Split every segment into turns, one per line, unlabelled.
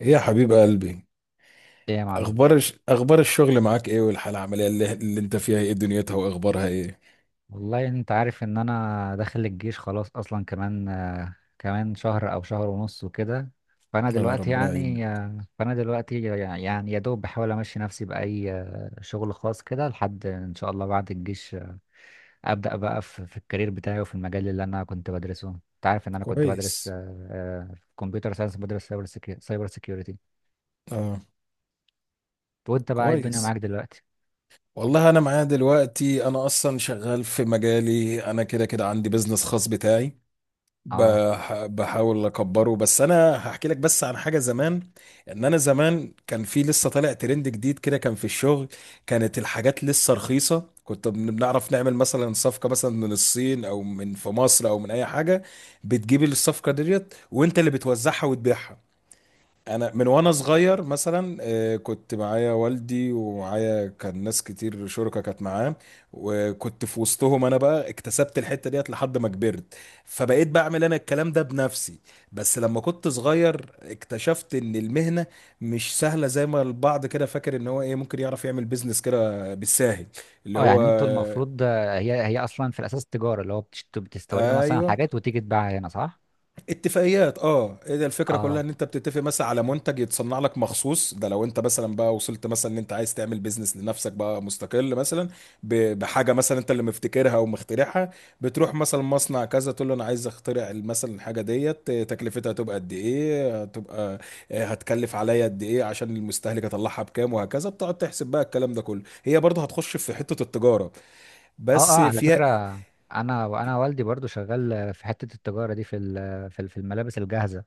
ايه يا حبيب قلبي.
ايه يا معلم.
اخبار الشغل معاك ايه؟ والحاله العمليه اللي انت فيها ايه؟ دنيتها واخبارها ايه؟
والله انت عارف ان انا داخل الجيش خلاص، اصلا كمان شهر او شهر ونص وكده. فانا
اه، ربنا يعينك.
دلوقتي يعني يا دوب بحاول امشي نفسي باي شغل خاص كده لحد ان شاء الله بعد الجيش، ابدا بقى في الكارير بتاعي وفي المجال اللي انا كنت بدرسه. انت عارف ان انا كنت بدرس
كويس.
كمبيوتر ساينس، بدرس سايبر سيكيورتي.
اه،
وانت بقى إيه الدنيا
كويس.
معاك دلوقتي؟
والله انا معايا دلوقتي، انا اصلا شغال في مجالي. انا كده كده عندي بزنس خاص بتاعي.
اه.
بحاول اكبره. بس انا هحكي لك بس عن حاجه زمان، ان انا زمان كان في لسه طالع ترند جديد كده كان في الشغل. كانت الحاجات لسه رخيصه، كنت بنعرف نعمل مثلا صفقه مثلا من الصين او من في مصر او من اي حاجه. بتجيب الصفقه ديت وانت اللي بتوزعها وتبيعها. انا من وانا صغير مثلا كنت معايا والدي، ومعايا كان ناس كتير شركة كانت معاه. وكنت في وسطهم انا، بقى اكتسبت الحتة ديت لحد ما كبرت. فبقيت بعمل انا الكلام ده بنفسي. بس لما كنت صغير اكتشفت ان المهنة مش سهلة زي ما البعض كده فاكر ان هو ايه ممكن يعرف يعمل بيزنس كده بالساهل، اللي
اه،
هو
يعني انتوا المفروض، هي اصلا في الاساس تجاره، اللي هو بتستوردوا مثلا
ايوه.
حاجات وتيجي تبيعها هنا صح؟
اتفاقيات، اه. ايه ده، الفكره كلها
اه
ان انت بتتفق مثلا على منتج يتصنع لك مخصوص. ده لو انت مثلا بقى وصلت مثلا ان انت عايز تعمل بيزنس لنفسك بقى مستقل مثلا، بحاجه مثلا انت اللي مفتكرها ومخترعها. بتروح مثلا مصنع كذا تقول له انا عايز اخترع مثلا الحاجه ديت. تكلفتها هتبقى قد ايه؟ هتبقى، هتكلف عليا قد ايه عشان المستهلك اطلعها بكام، وهكذا. بتقعد تحسب بقى الكلام ده كله، هي برضه هتخش في حته التجاره،
اه اه،
بس
على
فيها.
فكره انا وانا والدي برضو شغال في حته التجاره دي، في الملابس الجاهزه.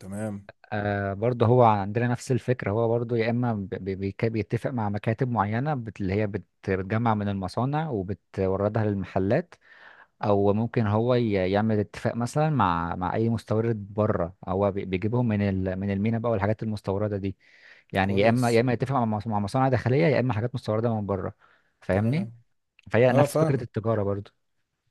تمام.
برضو هو عندنا نفس الفكره، هو برضو يا اما بيتفق مع مكاتب معينه، اللي هي بتجمع من المصانع وبتوردها للمحلات، او ممكن هو يعمل اتفاق مثلا مع اي مستورد بره، هو بيجيبهم من المينا بقى والحاجات المستورده دي. يعني يا اما يا
كويس.
اما يتفق مع مع مصانع داخليه، يا اما حاجات مستورده من بره. فاهمني؟
تمام.
فهي
اه،
نفس فكره
فاهمك.
التجاره برضو.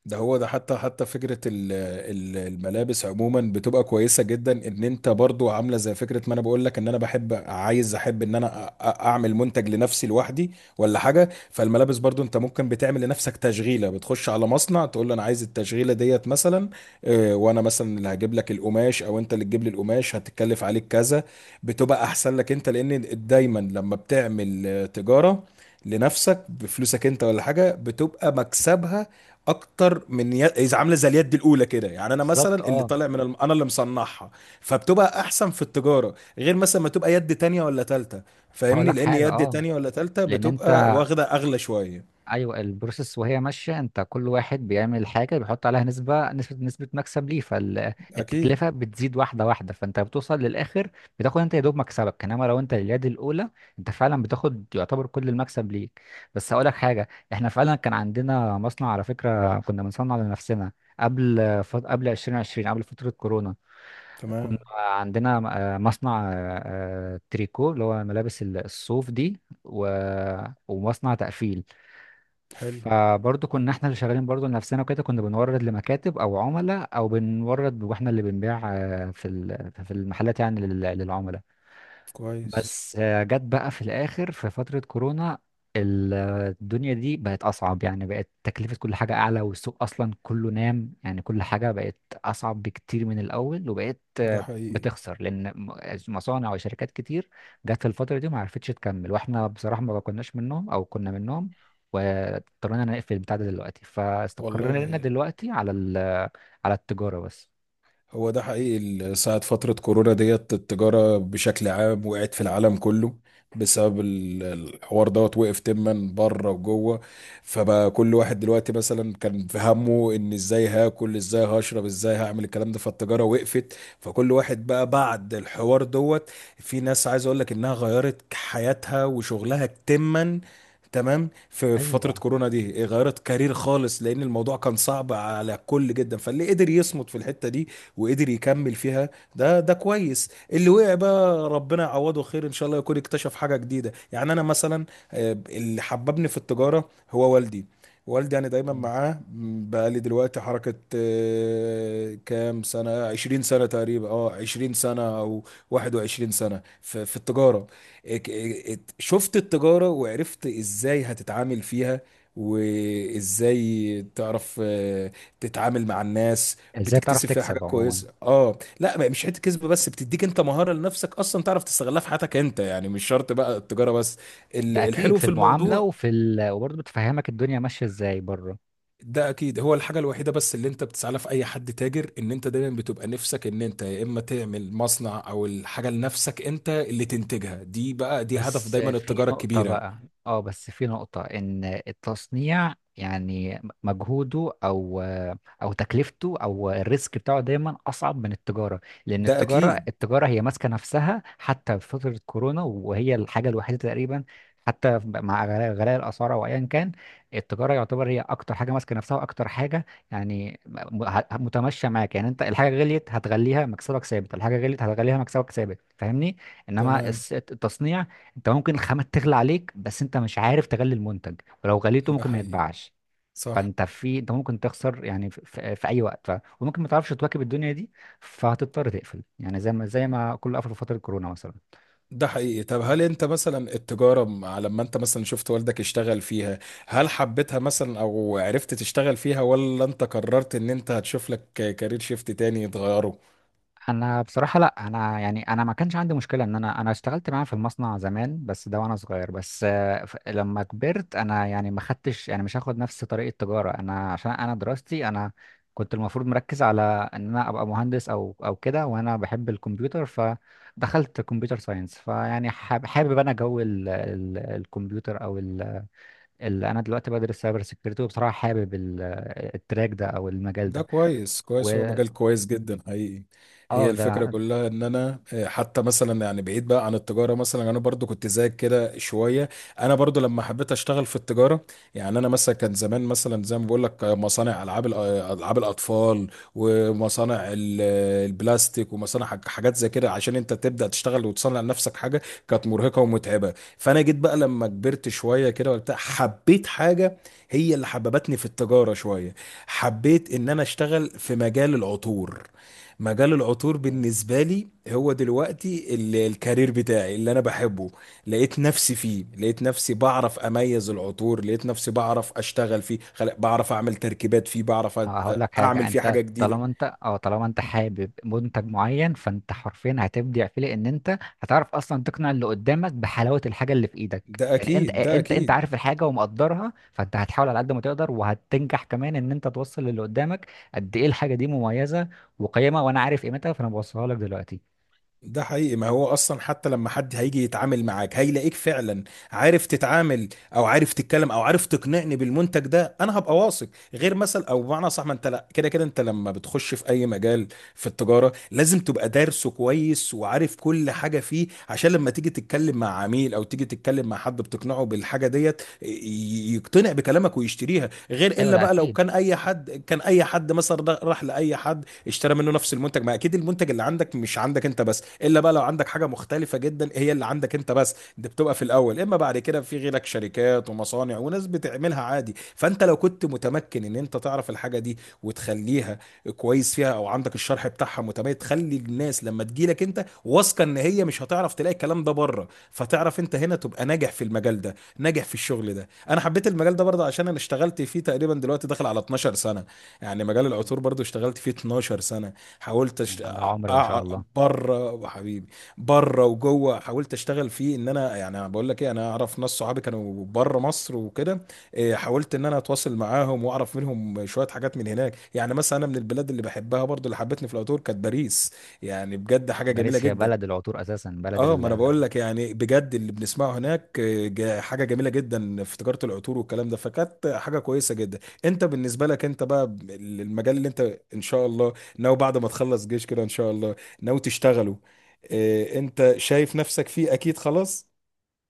ده هو ده، حتى فكرة الملابس عموما بتبقى كويسة جدا. ان انت برضو عاملة زي فكرة ما انا بقول لك، ان انا بحب عايز احب ان انا اعمل منتج لنفسي لوحدي ولا حاجة. فالملابس برضو انت ممكن بتعمل لنفسك تشغيلة، بتخش على مصنع تقول له انا عايز التشغيلة ديت مثلا. وانا مثلا اللي هجيب لك القماش او انت اللي تجيب لي القماش، هتتكلف عليك كذا. بتبقى احسن لك انت، لان دايما لما بتعمل تجارة لنفسك بفلوسك انت ولا حاجة، بتبقى مكسبها اكتر اذا عامله زي اليد الاولى كده. يعني انا مثلا
بالظبط،
اللي
اه.
طالع من انا اللي مصنعها. فبتبقى احسن في التجاره، غير مثلا ما تبقى يد تانية ولا تالتة.
هقول
فاهمني،
لك
لان
حاجه،
يد
اه،
تانية ولا تالتة
لان انت،
بتبقى واخده اغلى شويه.
ايوه، البروسيس وهي ماشيه انت، كل واحد بيعمل حاجه بيحط عليها نسبه نسبه نسبه مكسب ليه،
اكيد.
فالتكلفه بتزيد واحده واحده، فانت بتوصل للاخر بتاخد انت يا دوب مكسبك. انما لو انت اليد الاولى، انت فعلا بتاخد يعتبر كل المكسب ليك. بس هقول لك حاجه، احنا فعلا كان عندنا مصنع على فكره، كنا بنصنع لنفسنا قبل قبل 2020، قبل فتره كورونا. كنا
تمام.
عندنا مصنع، تريكو، اللي هو ملابس الصوف دي ومصنع تقفيل.
حلو.
فبرضه كنا احنا اللي شغالين برضه لنفسنا وكده، كنا بنورد لمكاتب او عملاء، او بنورد واحنا اللي بنبيع في المحلات، يعني للعملاء.
كويس.
بس جت بقى في الاخر في فترة كورونا، ال- الدنيا دي بقت اصعب، يعني بقت تكلفة كل حاجة اعلى، والسوق اصلا كله نام، يعني كل حاجة بقت اصعب بكتير من الاول، وبقت
ده حقيقي.
بتخسر، لان مصانع وشركات كتير جت في الفترة دي ما عرفتش تكمل، واحنا بصراحة ما كناش منهم او كنا منهم، واضطرينا نقفل البتاع ده. دلوقتي فاستقرينا
والله
دلوقتي على على التجارة بس.
هو ده حقيقي، ساعة فترة كورونا ديت التجارة بشكل عام وقعت في العالم كله، بسبب الحوار دوت. وقف تما بره وجوه. فبقى كل واحد دلوقتي مثلا كان في همه ان ازاي هاكل، ازاي هشرب، ازاي هعمل الكلام ده. فالتجارة وقفت. فكل واحد بقى بعد الحوار دوت، في ناس عايز اقول لك انها غيرت حياتها وشغلها تما تمام في في فترة
ايوه،
كورونا دي، غيرت كارير خالص، لأن الموضوع كان صعب على الكل جدا. فاللي قدر يصمد في الحتة دي وقدر يكمل فيها، ده كويس اللي وقع. بقى ربنا يعوضه خير، ان شاء الله يكون اكتشف حاجة جديدة. يعني انا مثلا اللي حببني في التجارة هو والدي. والدي يعني دايما معاه، بقى لي دلوقتي حركة، كام سنة؟ 20 سنة تقريبا. اه، 20 سنة او 21 سنة في التجارة. شفت التجارة وعرفت ازاي هتتعامل فيها، وازاي تعرف تتعامل مع الناس.
ازاي تعرف
بتكتسب فيها حاجه
تكسب عموما.
كويسه. اه لا، مش حته كسب بس، بتديك انت مهاره لنفسك اصلا تعرف تستغلها في حياتك انت، يعني مش شرط بقى التجاره بس.
ده اكيد،
الحلو
في
في
المعامله
الموضوع،
وفي وبرضه بتفهمك الدنيا ماشيه ازاي بره.
ده اكيد هو الحاجه الوحيده بس اللي انت بتسعى لها في اي حد تاجر، ان انت دايما بتبقى نفسك ان انت يا اما تعمل مصنع او الحاجه لنفسك انت اللي تنتجها. دي بقى دي هدف
بس
دايما
في
التجاره
نقطة
الكبيره.
بقى، اه بس في نقطة ان التصنيع يعني مجهوده، او تكلفته، او الريسك بتاعه، دايما اصعب من التجارة. لان
ده
التجارة،
اكيد.
التجارة هي ماسكة نفسها حتى في فترة كورونا، وهي الحاجة الوحيدة تقريبا حتى مع غلاء غلاء الاسعار او ايا كان. التجارة يعتبر هي اكتر حاجة ماسكة نفسها، واكتر حاجة يعني متمشية معاك. يعني انت الحاجة غليت هتغليها مكسبك ثابت، الحاجة غليت هتغليها مكسبك ثابت، فاهمني؟ انما
تمام.
التصنيع، انت ممكن الخامة تغلى عليك، بس انت مش عارف تغلي المنتج، ولو غليته
ده
ممكن ما
حقيقي.
يتباعش.
صح.
فانت انت ممكن تخسر يعني في اي وقت، وممكن ما تعرفش تواكب الدنيا دي، فهتضطر تقفل، يعني زي ما كله قفل في فترة كورونا مثلا.
ده حقيقي. طب هل انت مثلا التجارة على لما انت مثلا شفت والدك يشتغل فيها، هل حبيتها مثلا او عرفت تشتغل فيها، ولا انت قررت ان انت هتشوف لك كارير شيفت تاني تغيره؟
انا بصراحه، لا انا يعني انا ما كانش عندي مشكله ان انا اشتغلت معاه في المصنع زمان، بس ده وانا صغير. بس لما كبرت انا، يعني ما خدتش، يعني مش هاخد نفس طريق التجاره انا، عشان انا دراستي، انا كنت المفروض مركز على ان انا ابقى مهندس او كده، وانا بحب الكمبيوتر، فدخلت كمبيوتر ساينس. فيعني حابب انا جو ال ال الكمبيوتر، او اللي انا دلوقتي بدرس سايبر سيكيورتي، وبصراحه حابب التراك ده او المجال
ده
ده.
كويس. كويس، هو
واه
مجال كويس جدا حقيقي. هي الفكرة
ده
كلها ان انا حتى مثلا يعني بعيد بقى عن التجارة مثلا، انا برضو كنت زيك كده شوية. انا برضو لما حبيت اشتغل في التجارة، يعني انا مثلا كان زمان مثلا زي ما بقول لك، مصانع العاب العاب الاطفال، ومصانع البلاستيك، ومصانع حاجات زي كده. عشان انت تبدأ تشتغل وتصنع لنفسك حاجة، كانت مرهقة ومتعبة. فانا جيت بقى لما كبرت شوية كده وبتاع، حبيت حاجة هي اللي حببتني في التجارة شوية. حبيت ان انا اشتغل في مجال العطور. مجال العطور بالنسبة لي هو دلوقتي الكارير بتاعي اللي انا بحبه. لقيت نفسي فيه، لقيت نفسي بعرف اميز العطور، لقيت نفسي بعرف اشتغل فيه، بعرف اعمل تركيبات فيه، بعرف
اه هقول لك حاجة،
اعمل فيه
انت
حاجة جديدة.
طالما انت، حابب منتج معين، فانت حرفيا هتبدع فيه، لان انت هتعرف اصلا تقنع اللي قدامك بحلاوة الحاجة اللي في ايدك.
ده
يعني انت
اكيد، ده
انت انت
اكيد.
عارف الحاجة ومقدرها، فانت هتحاول على قد ما تقدر وهتنجح كمان ان انت توصل للي قدامك قد ايه الحاجة دي مميزة وقيمة، وانا عارف قيمتها، فانا بوصلها لك دلوقتي.
ده حقيقي، ما هو اصلا حتى لما حد هيجي يتعامل معاك هيلاقيك فعلا عارف تتعامل، او عارف تتكلم، او عارف تقنعني بالمنتج ده. انا هبقى واثق. غير مثلا او بمعنى صح، ما انت لا كده كده انت لما بتخش في اي مجال في التجاره لازم تبقى دارسه كويس وعارف كل حاجه فيه، عشان لما تيجي تتكلم مع عميل او تيجي تتكلم مع حد بتقنعه بالحاجه ديت يقتنع بكلامك ويشتريها. غير
ايوه،
الا
ده
بقى لو
اكيد.
كان اي حد، كان اي حد مثلا راح لاي حد اشترى منه نفس المنتج، ما اكيد المنتج اللي عندك مش عندك انت بس. الا بقى لو عندك حاجه مختلفه جدا هي اللي عندك انت بس، دي بتبقى في الاول، اما بعد كده في غيرك شركات ومصانع وناس بتعملها عادي. فانت لو كنت متمكن ان انت تعرف الحاجه دي وتخليها كويس فيها، او عندك الشرح بتاعها متميز، تخلي الناس لما تجيلك انت واثقه ان هي مش هتعرف تلاقي الكلام ده بره، فتعرف انت هنا تبقى ناجح في المجال ده، ناجح في الشغل ده. انا حبيت المجال ده برضه عشان انا اشتغلت فيه تقريبا دلوقتي داخل على 12 سنه. يعني مجال العطور برضه اشتغلت فيه 12 سنه. حاولت
مم.
أشت...
ده عمر ما شاء
أع...
الله.
بره حبيبي، بره وجوه، حاولت اشتغل فيه. ان انا يعني بقول لك ايه، انا اعرف ناس صحابي كانوا بره مصر وكده. إيه، حاولت ان انا اتواصل معاهم واعرف منهم شويه حاجات من هناك. يعني مثلا انا من البلاد اللي بحبها برضو اللي حبتني في العطور كانت باريس. يعني بجد حاجه جميله
باريس هي
جدا.
بلد العطور اساسا، بلد.
اه، ما انا بقول لك يعني بجد اللي بنسمعه هناك حاجه جميله جدا في تجاره العطور والكلام ده. فكانت حاجه كويسه جدا. انت بالنسبه لك انت بقى، المجال اللي انت ان شاء الله ناوي بعد ما تخلص جيش كده ان شاء الله ناوي تشتغله، انت شايف نفسك فيه اكيد خلاص.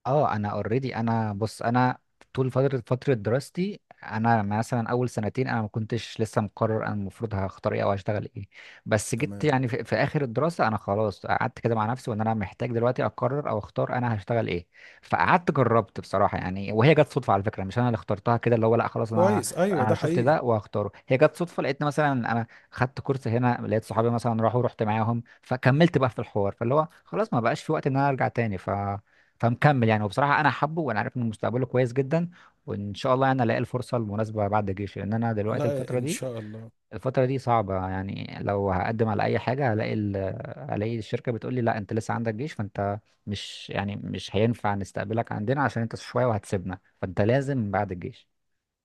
اه، انا اوريدي، انا بص، انا طول فتره دراستي، انا مثلا اول سنتين انا ما كنتش لسه مقرر انا المفروض هختار ايه او هشتغل ايه. بس جيت
تمام.
يعني في, اخر الدراسه، انا خلاص قعدت كده مع نفسي وان انا محتاج دلوقتي اقرر او اختار انا هشتغل ايه. فقعدت جربت بصراحه، يعني وهي جت صدفه على فكره، مش انا اللي اخترتها كده اللي هو، لا خلاص، انا
كويس. ايوه،
انا
ده
شفت
حقيقي.
ده وهختاره. هي جت صدفه، لقيت مثلا انا خدت كورس هنا، لقيت صحابي مثلا راحوا، رحت معاهم، فكملت بقى في الحوار، فاللي هو خلاص ما بقاش في وقت ان انا ارجع تاني، فمكمل يعني. وبصراحة أنا حابه، وأنا عارف إن مستقبله كويس جدا، وإن شاء الله أنا ألاقي الفرصة المناسبة بعد الجيش، لأن أنا دلوقتي
لا،
الفترة
ان
دي
شاء الله.
الفترة دي صعبة. يعني لو هقدم على أي حاجة هلاقي هلاقي الشركة بتقول لي لا أنت لسه عندك جيش، فأنت مش هينفع نستقبلك عندنا، عشان أنت شوية وهتسيبنا، فأنت لازم بعد الجيش.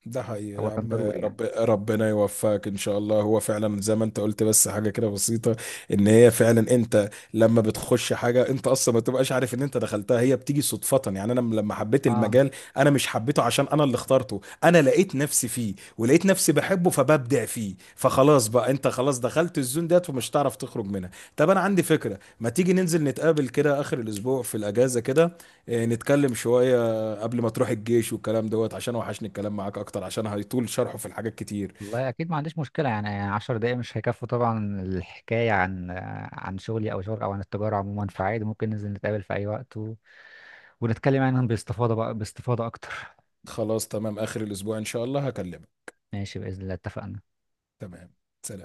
ده حقيقي
هو
يا
كان
عم.
ضروري يعني.
ربنا يوفقك ان شاء الله. هو فعلا زي ما انت قلت، بس حاجه كده بسيطه، ان هي فعلا انت لما بتخش حاجه انت اصلا ما تبقاش عارف ان انت دخلتها، هي بتيجي صدفه. يعني انا لما حبيت
آه
المجال، انا مش حبيته عشان انا اللي اخترته، انا لقيت نفسي فيه ولقيت نفسي بحبه، فببدع فيه. فخلاص بقى انت خلاص دخلت الزون ديت ومش هتعرف تخرج منها. طب انا عندي فكره، ما تيجي ننزل نتقابل كده اخر الاسبوع في الاجازه كده، نتكلم شويه قبل ما تروح الجيش والكلام دوت، عشان وحشني الكلام معاك اكتر عشان هيطول شرحه في الحاجات كتير.
والله أكيد ما عنديش مشكلة. يعني 10 دقايق مش هيكفوا طبعا الحكاية عن شغلي أو شغل، أو عن التجارة عموما. فعادي ممكن ننزل نتقابل في أي وقت ونتكلم عنهم باستفاضة بقى، باستفاضة أكتر.
خلاص تمام، اخر الاسبوع ان شاء الله هكلمك.
ماشي، بإذن الله، اتفقنا.
تمام. سلام.